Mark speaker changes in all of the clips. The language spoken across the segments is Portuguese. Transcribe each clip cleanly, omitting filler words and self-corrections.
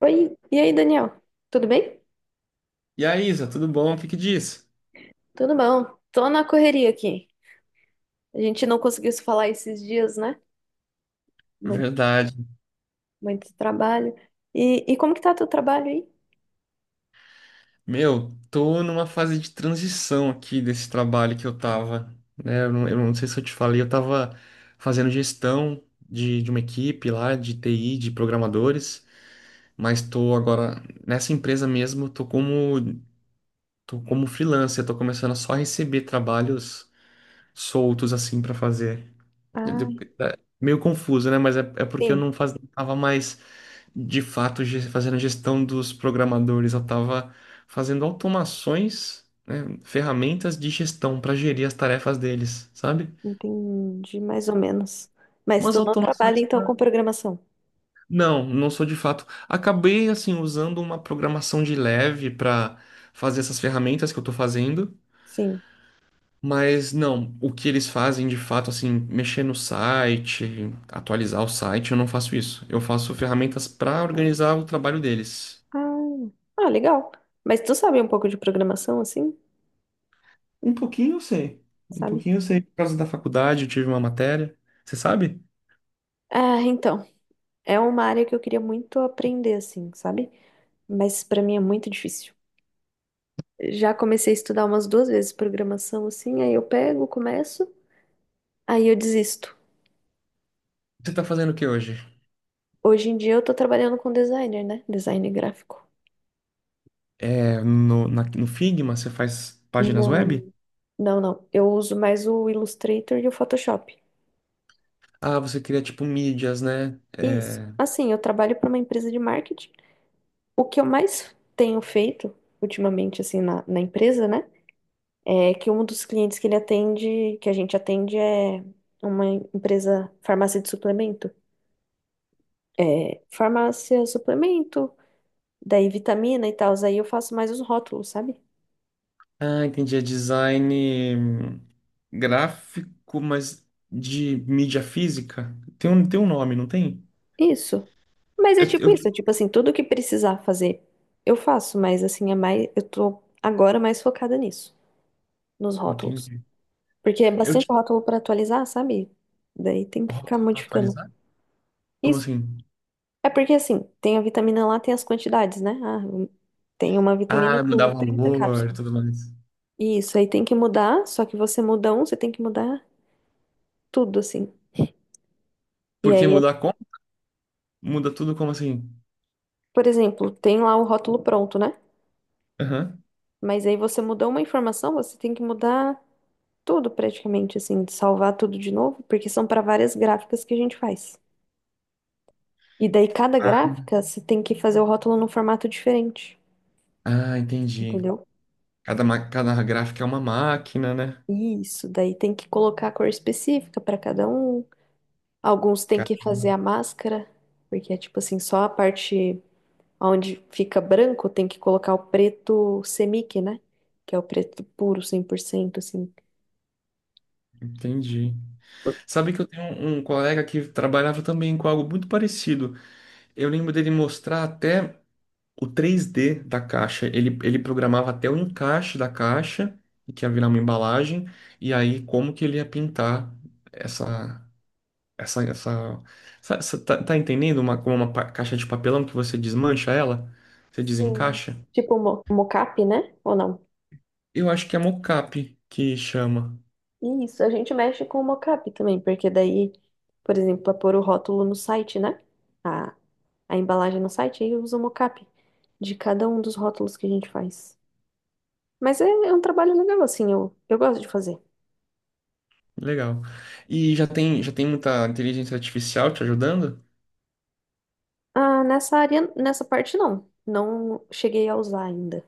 Speaker 1: Oi, e aí, Daniel? Tudo bem?
Speaker 2: E aí, Isa, tudo bom? O que que diz?
Speaker 1: Tudo bom. Tô na correria aqui. A gente não conseguiu se falar esses dias, né? Muito,
Speaker 2: Verdade.
Speaker 1: muito trabalho. E como que tá teu trabalho aí?
Speaker 2: Meu, tô numa fase de transição aqui desse trabalho que eu tava, né? Eu não sei se eu te falei, eu tava fazendo gestão de uma equipe lá, de TI, de programadores, mas tô agora nessa empresa mesmo, tô como freelancer, tô começando a só receber trabalhos soltos assim pra fazer. Eu-
Speaker 1: Ah,
Speaker 2: eu- Meio confuso, né? Mas é porque eu
Speaker 1: sim,
Speaker 2: não faz, tava mais de fato fazendo a gestão dos programadores, eu estava fazendo automações, né, ferramentas de gestão para gerir as tarefas deles, sabe?
Speaker 1: entendi mais ou menos. Mas
Speaker 2: Umas
Speaker 1: tu não trabalha
Speaker 2: automações
Speaker 1: então com
Speaker 2: para.
Speaker 1: programação?
Speaker 2: Não, não sou de fato. Acabei assim usando uma programação de leve para fazer essas ferramentas que eu estou fazendo.
Speaker 1: Sim.
Speaker 2: Mas não, o que eles fazem de fato, assim, mexer no site, atualizar o site, eu não faço isso. Eu faço ferramentas para organizar o trabalho deles.
Speaker 1: Ah, ah, legal. Mas tu sabe um pouco de programação, assim?
Speaker 2: Um pouquinho eu sei. Um
Speaker 1: Sabe?
Speaker 2: pouquinho eu sei. Por causa da faculdade, eu tive uma matéria. Você sabe?
Speaker 1: Ah, então. É uma área que eu queria muito aprender, assim, sabe? Mas pra mim é muito difícil. Já comecei a estudar umas duas vezes programação, assim, aí eu pego, começo, aí eu desisto.
Speaker 2: Você tá fazendo o que hoje?
Speaker 1: Hoje em dia eu tô trabalhando com designer, né? Design gráfico.
Speaker 2: É, no Figma, você faz páginas web?
Speaker 1: Não. Não, não. Eu uso mais o Illustrator e o Photoshop.
Speaker 2: Ah, você cria tipo mídias, né?
Speaker 1: Isso.
Speaker 2: É,
Speaker 1: Assim, eu trabalho para uma empresa de marketing. O que eu mais tenho feito ultimamente, assim, na empresa, né? É que um dos clientes que ele atende, que a gente atende, é uma empresa, farmácia de suplemento. É, farmácia, suplemento, daí vitamina e tal. Aí eu faço mais os rótulos, sabe?
Speaker 2: ah, entendi. É design gráfico, mas de mídia física. Tem um nome, não tem?
Speaker 1: Isso. Mas é
Speaker 2: Eu,
Speaker 1: tipo
Speaker 2: eu te-
Speaker 1: isso, é tipo assim, tudo que precisar fazer, eu faço, mas assim, é mais, eu tô agora mais focada nisso, nos rótulos.
Speaker 2: Entendi.
Speaker 1: Porque é
Speaker 2: Eu
Speaker 1: bastante
Speaker 2: tinha
Speaker 1: rótulo pra atualizar, sabe? Daí tem
Speaker 2: um
Speaker 1: que ficar
Speaker 2: rótulo pra
Speaker 1: modificando.
Speaker 2: atualizar? Como
Speaker 1: Isso.
Speaker 2: assim?
Speaker 1: É porque assim, tem a vitamina lá, tem as quantidades, né? Tem uma vitamina
Speaker 2: Ah, mudar
Speaker 1: com 30
Speaker 2: valor e
Speaker 1: cápsulas.
Speaker 2: tudo mais.
Speaker 1: Isso, aí tem que mudar, só que você muda um, você tem que mudar tudo, assim. E
Speaker 2: Porque
Speaker 1: aí,
Speaker 2: mudar como? Muda tudo como assim?
Speaker 1: por exemplo, tem lá o rótulo pronto, né?
Speaker 2: Aham.
Speaker 1: Mas aí você mudou uma informação, você tem que mudar tudo praticamente, assim, salvar tudo de novo, porque são para várias gráficas que a gente faz. E daí cada gráfica você tem que fazer o rótulo num formato diferente,
Speaker 2: Ah, entendi.
Speaker 1: entendeu?
Speaker 2: Cada gráfica é uma máquina, né?
Speaker 1: Isso, daí tem que colocar a cor específica para cada um. Alguns tem
Speaker 2: Cara,
Speaker 1: que fazer a máscara, porque é tipo assim, só a parte onde fica branco tem que colocar o preto semic, né? Que é o preto puro, cem por cento assim.
Speaker 2: entendi. Sabe que eu tenho um colega que trabalhava também com algo muito parecido. Eu lembro dele mostrar até o 3D da caixa. Ele programava até o encaixe da caixa, que ia virar uma embalagem, e aí como que ele ia pintar essa. Essa, essa, tá, tá entendendo? Uma, como uma caixa de papelão que você desmancha ela, você
Speaker 1: Sim.
Speaker 2: desencaixa?
Speaker 1: Tipo mo mocap, né? Ou não?
Speaker 2: Eu acho que é mocap que chama.
Speaker 1: Isso, a gente mexe com o mockup também, porque daí, por exemplo, para pôr o rótulo no site, né? A, a embalagem no site, aí usa o mockup de cada um dos rótulos que a gente faz. Mas é, é um trabalho legal, assim, eu gosto de fazer.
Speaker 2: Legal. E já tem muita inteligência artificial te ajudando?
Speaker 1: Ah, nessa área, nessa parte não. Não cheguei a usar ainda.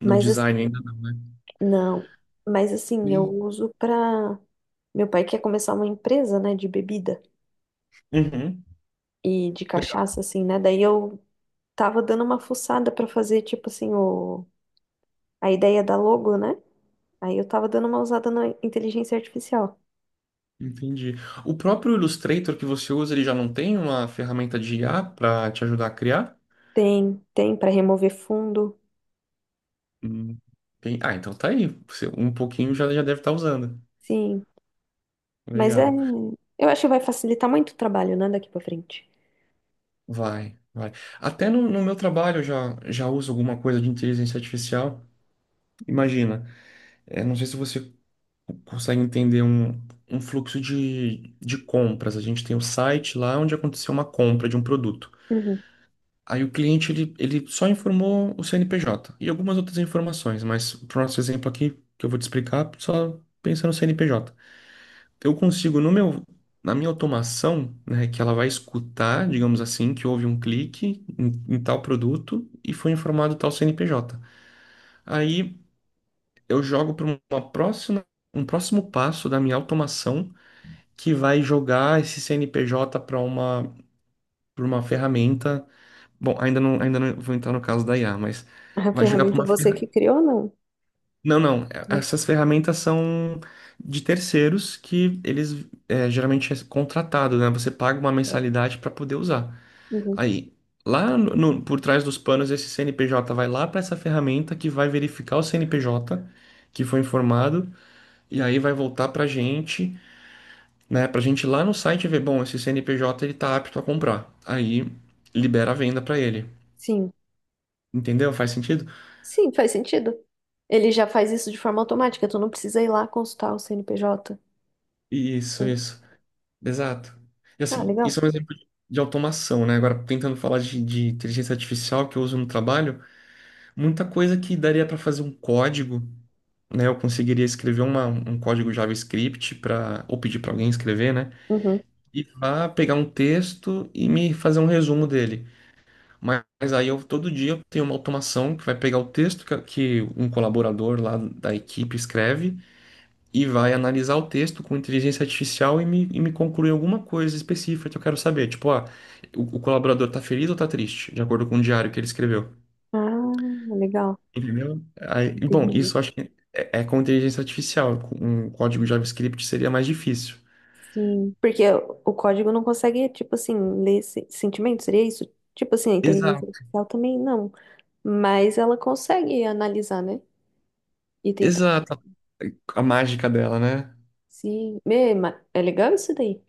Speaker 2: No
Speaker 1: Mas
Speaker 2: design ainda
Speaker 1: assim,
Speaker 2: não, né?
Speaker 1: não. Mas assim, eu
Speaker 2: Bem,
Speaker 1: uso pra. Meu pai quer começar uma empresa, né, de bebida
Speaker 2: uhum.
Speaker 1: e de
Speaker 2: Legal.
Speaker 1: cachaça, assim, né? Daí eu tava dando uma fuçada pra fazer, tipo assim, o a ideia da logo, né? Aí eu tava dando uma usada na inteligência artificial.
Speaker 2: Entendi. O próprio Illustrator que você usa, ele já não tem uma ferramenta de IA para te ajudar a criar?
Speaker 1: Tem, tem para remover fundo.
Speaker 2: Hum, Ah, então tá aí. Você um pouquinho já deve estar usando.
Speaker 1: Sim, mas é,
Speaker 2: Legal.
Speaker 1: eu acho que vai facilitar muito o trabalho, né, daqui para frente.
Speaker 2: Vai, vai. Até no meu trabalho eu já uso alguma coisa de inteligência artificial. Imagina, é, não sei se você consegue entender um fluxo de compras. A gente tem o site lá onde aconteceu uma compra de um produto.
Speaker 1: Uhum.
Speaker 2: Aí o cliente ele só informou o CNPJ e algumas outras informações, mas para o nosso exemplo aqui, que eu vou te explicar, só pensa no CNPJ. Eu consigo no meu Na minha automação, né, que ela vai escutar, digamos assim, que houve um clique em tal produto e foi informado tal CNPJ. Aí eu jogo para uma próxima um próximo passo da minha automação que vai jogar esse CNPJ para uma ferramenta. Bom, ainda não vou entrar no caso da IA, mas
Speaker 1: A
Speaker 2: vai jogar para
Speaker 1: ferramenta
Speaker 2: uma
Speaker 1: você que
Speaker 2: ferramenta.
Speaker 1: criou, não?
Speaker 2: Não, não.
Speaker 1: Não.
Speaker 2: Essas ferramentas são de terceiros que geralmente é contratado, né? Você paga uma
Speaker 1: É.
Speaker 2: mensalidade para poder usar.
Speaker 1: Uhum.
Speaker 2: Aí, lá no, no- por trás dos panos, esse CNPJ vai lá para essa ferramenta que vai verificar o CNPJ que foi informado e aí vai voltar para a gente, né? Pra gente ir lá no site ver, bom, esse CNPJ ele tá apto a comprar. Aí libera a venda pra ele.
Speaker 1: Sim.
Speaker 2: Entendeu? Faz sentido?
Speaker 1: Sim, faz sentido. Ele já faz isso de forma automática, tu não precisa ir lá consultar o CNPJ.
Speaker 2: Isso,
Speaker 1: Entendi.
Speaker 2: isso. Exato. E
Speaker 1: Ah,
Speaker 2: assim,
Speaker 1: legal.
Speaker 2: isso é um exemplo de automação, né? Agora, tentando falar de inteligência artificial que eu uso no trabalho, muita coisa que daria para fazer um código, né? Eu conseguiria escrever um código JavaScript para ou pedir para alguém escrever, né?
Speaker 1: Uhum.
Speaker 2: E vá pegar um texto e me fazer um resumo dele. Mas aí eu todo dia tenho uma automação que vai pegar o texto que um colaborador lá da equipe escreve e vai analisar o texto com inteligência artificial e e me concluir alguma coisa específica que eu quero saber. Tipo, ah, o colaborador tá feliz ou tá triste, de acordo com o diário que ele escreveu.
Speaker 1: Ah, legal.
Speaker 2: Entendeu? Aí, bom, isso
Speaker 1: Entendi.
Speaker 2: eu acho que é com inteligência artificial. Com um código JavaScript seria mais difícil.
Speaker 1: Sim, porque o código não consegue, tipo assim, ler se- sentimento, seria isso? Tipo assim, a inteligência
Speaker 2: Exato.
Speaker 1: artificial também não, mas ela consegue analisar, né? E tentar
Speaker 2: Exato. A mágica dela, né?
Speaker 1: se... Mê, ma- É legal isso daí.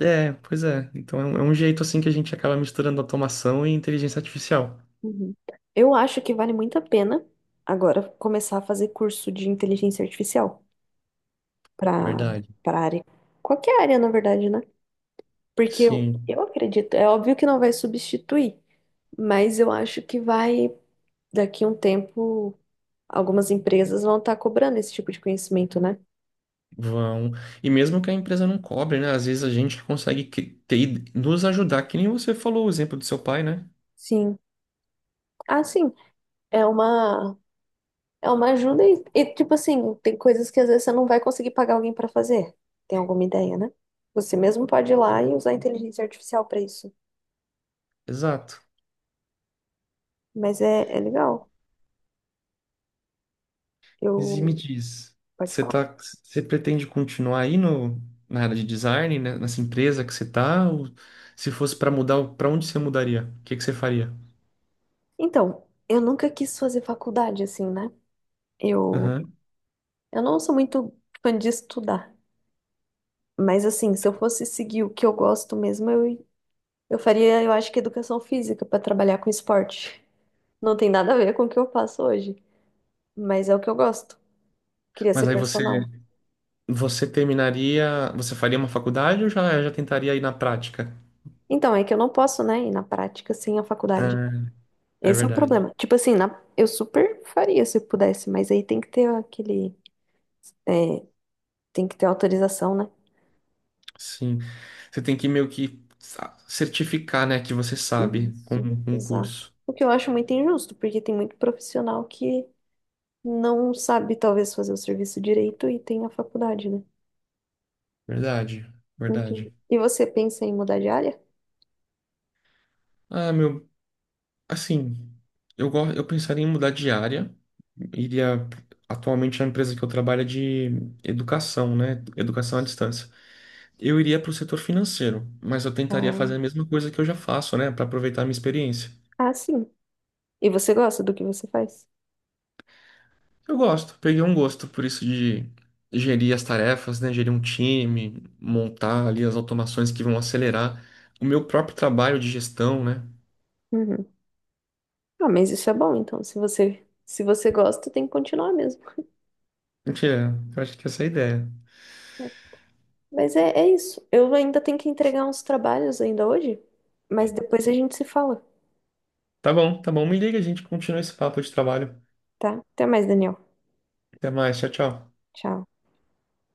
Speaker 2: É, pois é. Então é é um jeito assim que a gente acaba misturando automação e inteligência artificial.
Speaker 1: Uhum. Eu acho que vale muito a pena agora começar a fazer curso de inteligência artificial para
Speaker 2: Verdade.
Speaker 1: para área. Qualquer área, na verdade, né? Porque eu,
Speaker 2: Sim,
Speaker 1: eu acredito, é óbvio que não vai substituir, mas eu acho que vai, daqui a um tempo. Algumas empresas vão estar cobrando esse tipo de conhecimento, né?
Speaker 2: vão. E mesmo que a empresa não cobre, né? Às vezes a gente consegue nos ajudar, que nem você falou o exemplo do seu pai, né?
Speaker 1: Sim. Ah, sim. É uma, é uma ajuda e, tipo assim, tem coisas que às vezes você não vai conseguir pagar alguém para fazer. Tem alguma ideia, né? Você mesmo pode ir lá e usar a inteligência artificial para isso.
Speaker 2: Exato.
Speaker 1: Mas é, é legal.
Speaker 2: Mas e me
Speaker 1: Eu.
Speaker 2: diz,
Speaker 1: Pode
Speaker 2: você
Speaker 1: falar.
Speaker 2: tá, você pretende continuar aí no, na área de design, né? Nessa empresa que você tá? Ou se fosse para mudar, para onde você mudaria? O que que você faria?
Speaker 1: Então, eu nunca quis fazer faculdade, assim, né? Eu,
Speaker 2: Aham.
Speaker 1: eu não sou muito fã de estudar. Mas, assim, se eu fosse seguir o que eu gosto mesmo, eu faria, eu acho que educação física para trabalhar com esporte. Não tem nada a ver com o que eu faço hoje, mas é o que eu gosto. Queria ser
Speaker 2: Mas aí você
Speaker 1: personal.
Speaker 2: você terminaria, você faria uma faculdade ou já tentaria ir na prática?
Speaker 1: Então, é que eu não posso, né, ir na prática sem a faculdade.
Speaker 2: Ah, é
Speaker 1: Esse é o
Speaker 2: verdade.
Speaker 1: problema. Tipo assim, eu super faria se eu pudesse, mas aí tem que ter aquele. É, tem que ter autorização, né?
Speaker 2: Sim. Você tem que meio que certificar, né, que você sabe
Speaker 1: Isso,
Speaker 2: com um
Speaker 1: exato.
Speaker 2: curso.
Speaker 1: O que eu acho muito injusto, porque tem muito profissional que não sabe, talvez, fazer o serviço direito e tem a faculdade, né?
Speaker 2: Verdade,
Speaker 1: Enfim.
Speaker 2: verdade.
Speaker 1: E você pensa em mudar de área?
Speaker 2: Ah, meu, assim, eu pensaria em mudar de área. Iria atualmente a empresa que eu trabalho é de educação, né? Educação à distância. Eu iria para o setor financeiro, mas eu tentaria
Speaker 1: Ah,
Speaker 2: fazer a mesma coisa que eu já faço, né, para aproveitar a minha experiência.
Speaker 1: ah, sim. E você gosta do que você faz?
Speaker 2: Eu gosto, peguei um gosto por isso de gerir as tarefas, né? Gerir um time, montar ali as automações que vão acelerar o meu próprio trabalho de gestão, né?
Speaker 1: Uhum. Ah, mas isso é bom, então. Se você, se você gosta, tem que continuar mesmo.
Speaker 2: Mentira, eu acho que essa é a ideia.
Speaker 1: É. Mas é, é isso. Eu ainda tenho que entregar uns trabalhos ainda hoje, mas depois a gente se fala,
Speaker 2: Tá bom, me liga, a gente continua esse papo de trabalho.
Speaker 1: tá? Até mais, Daniel.
Speaker 2: Até mais, tchau, tchau.
Speaker 1: Tchau.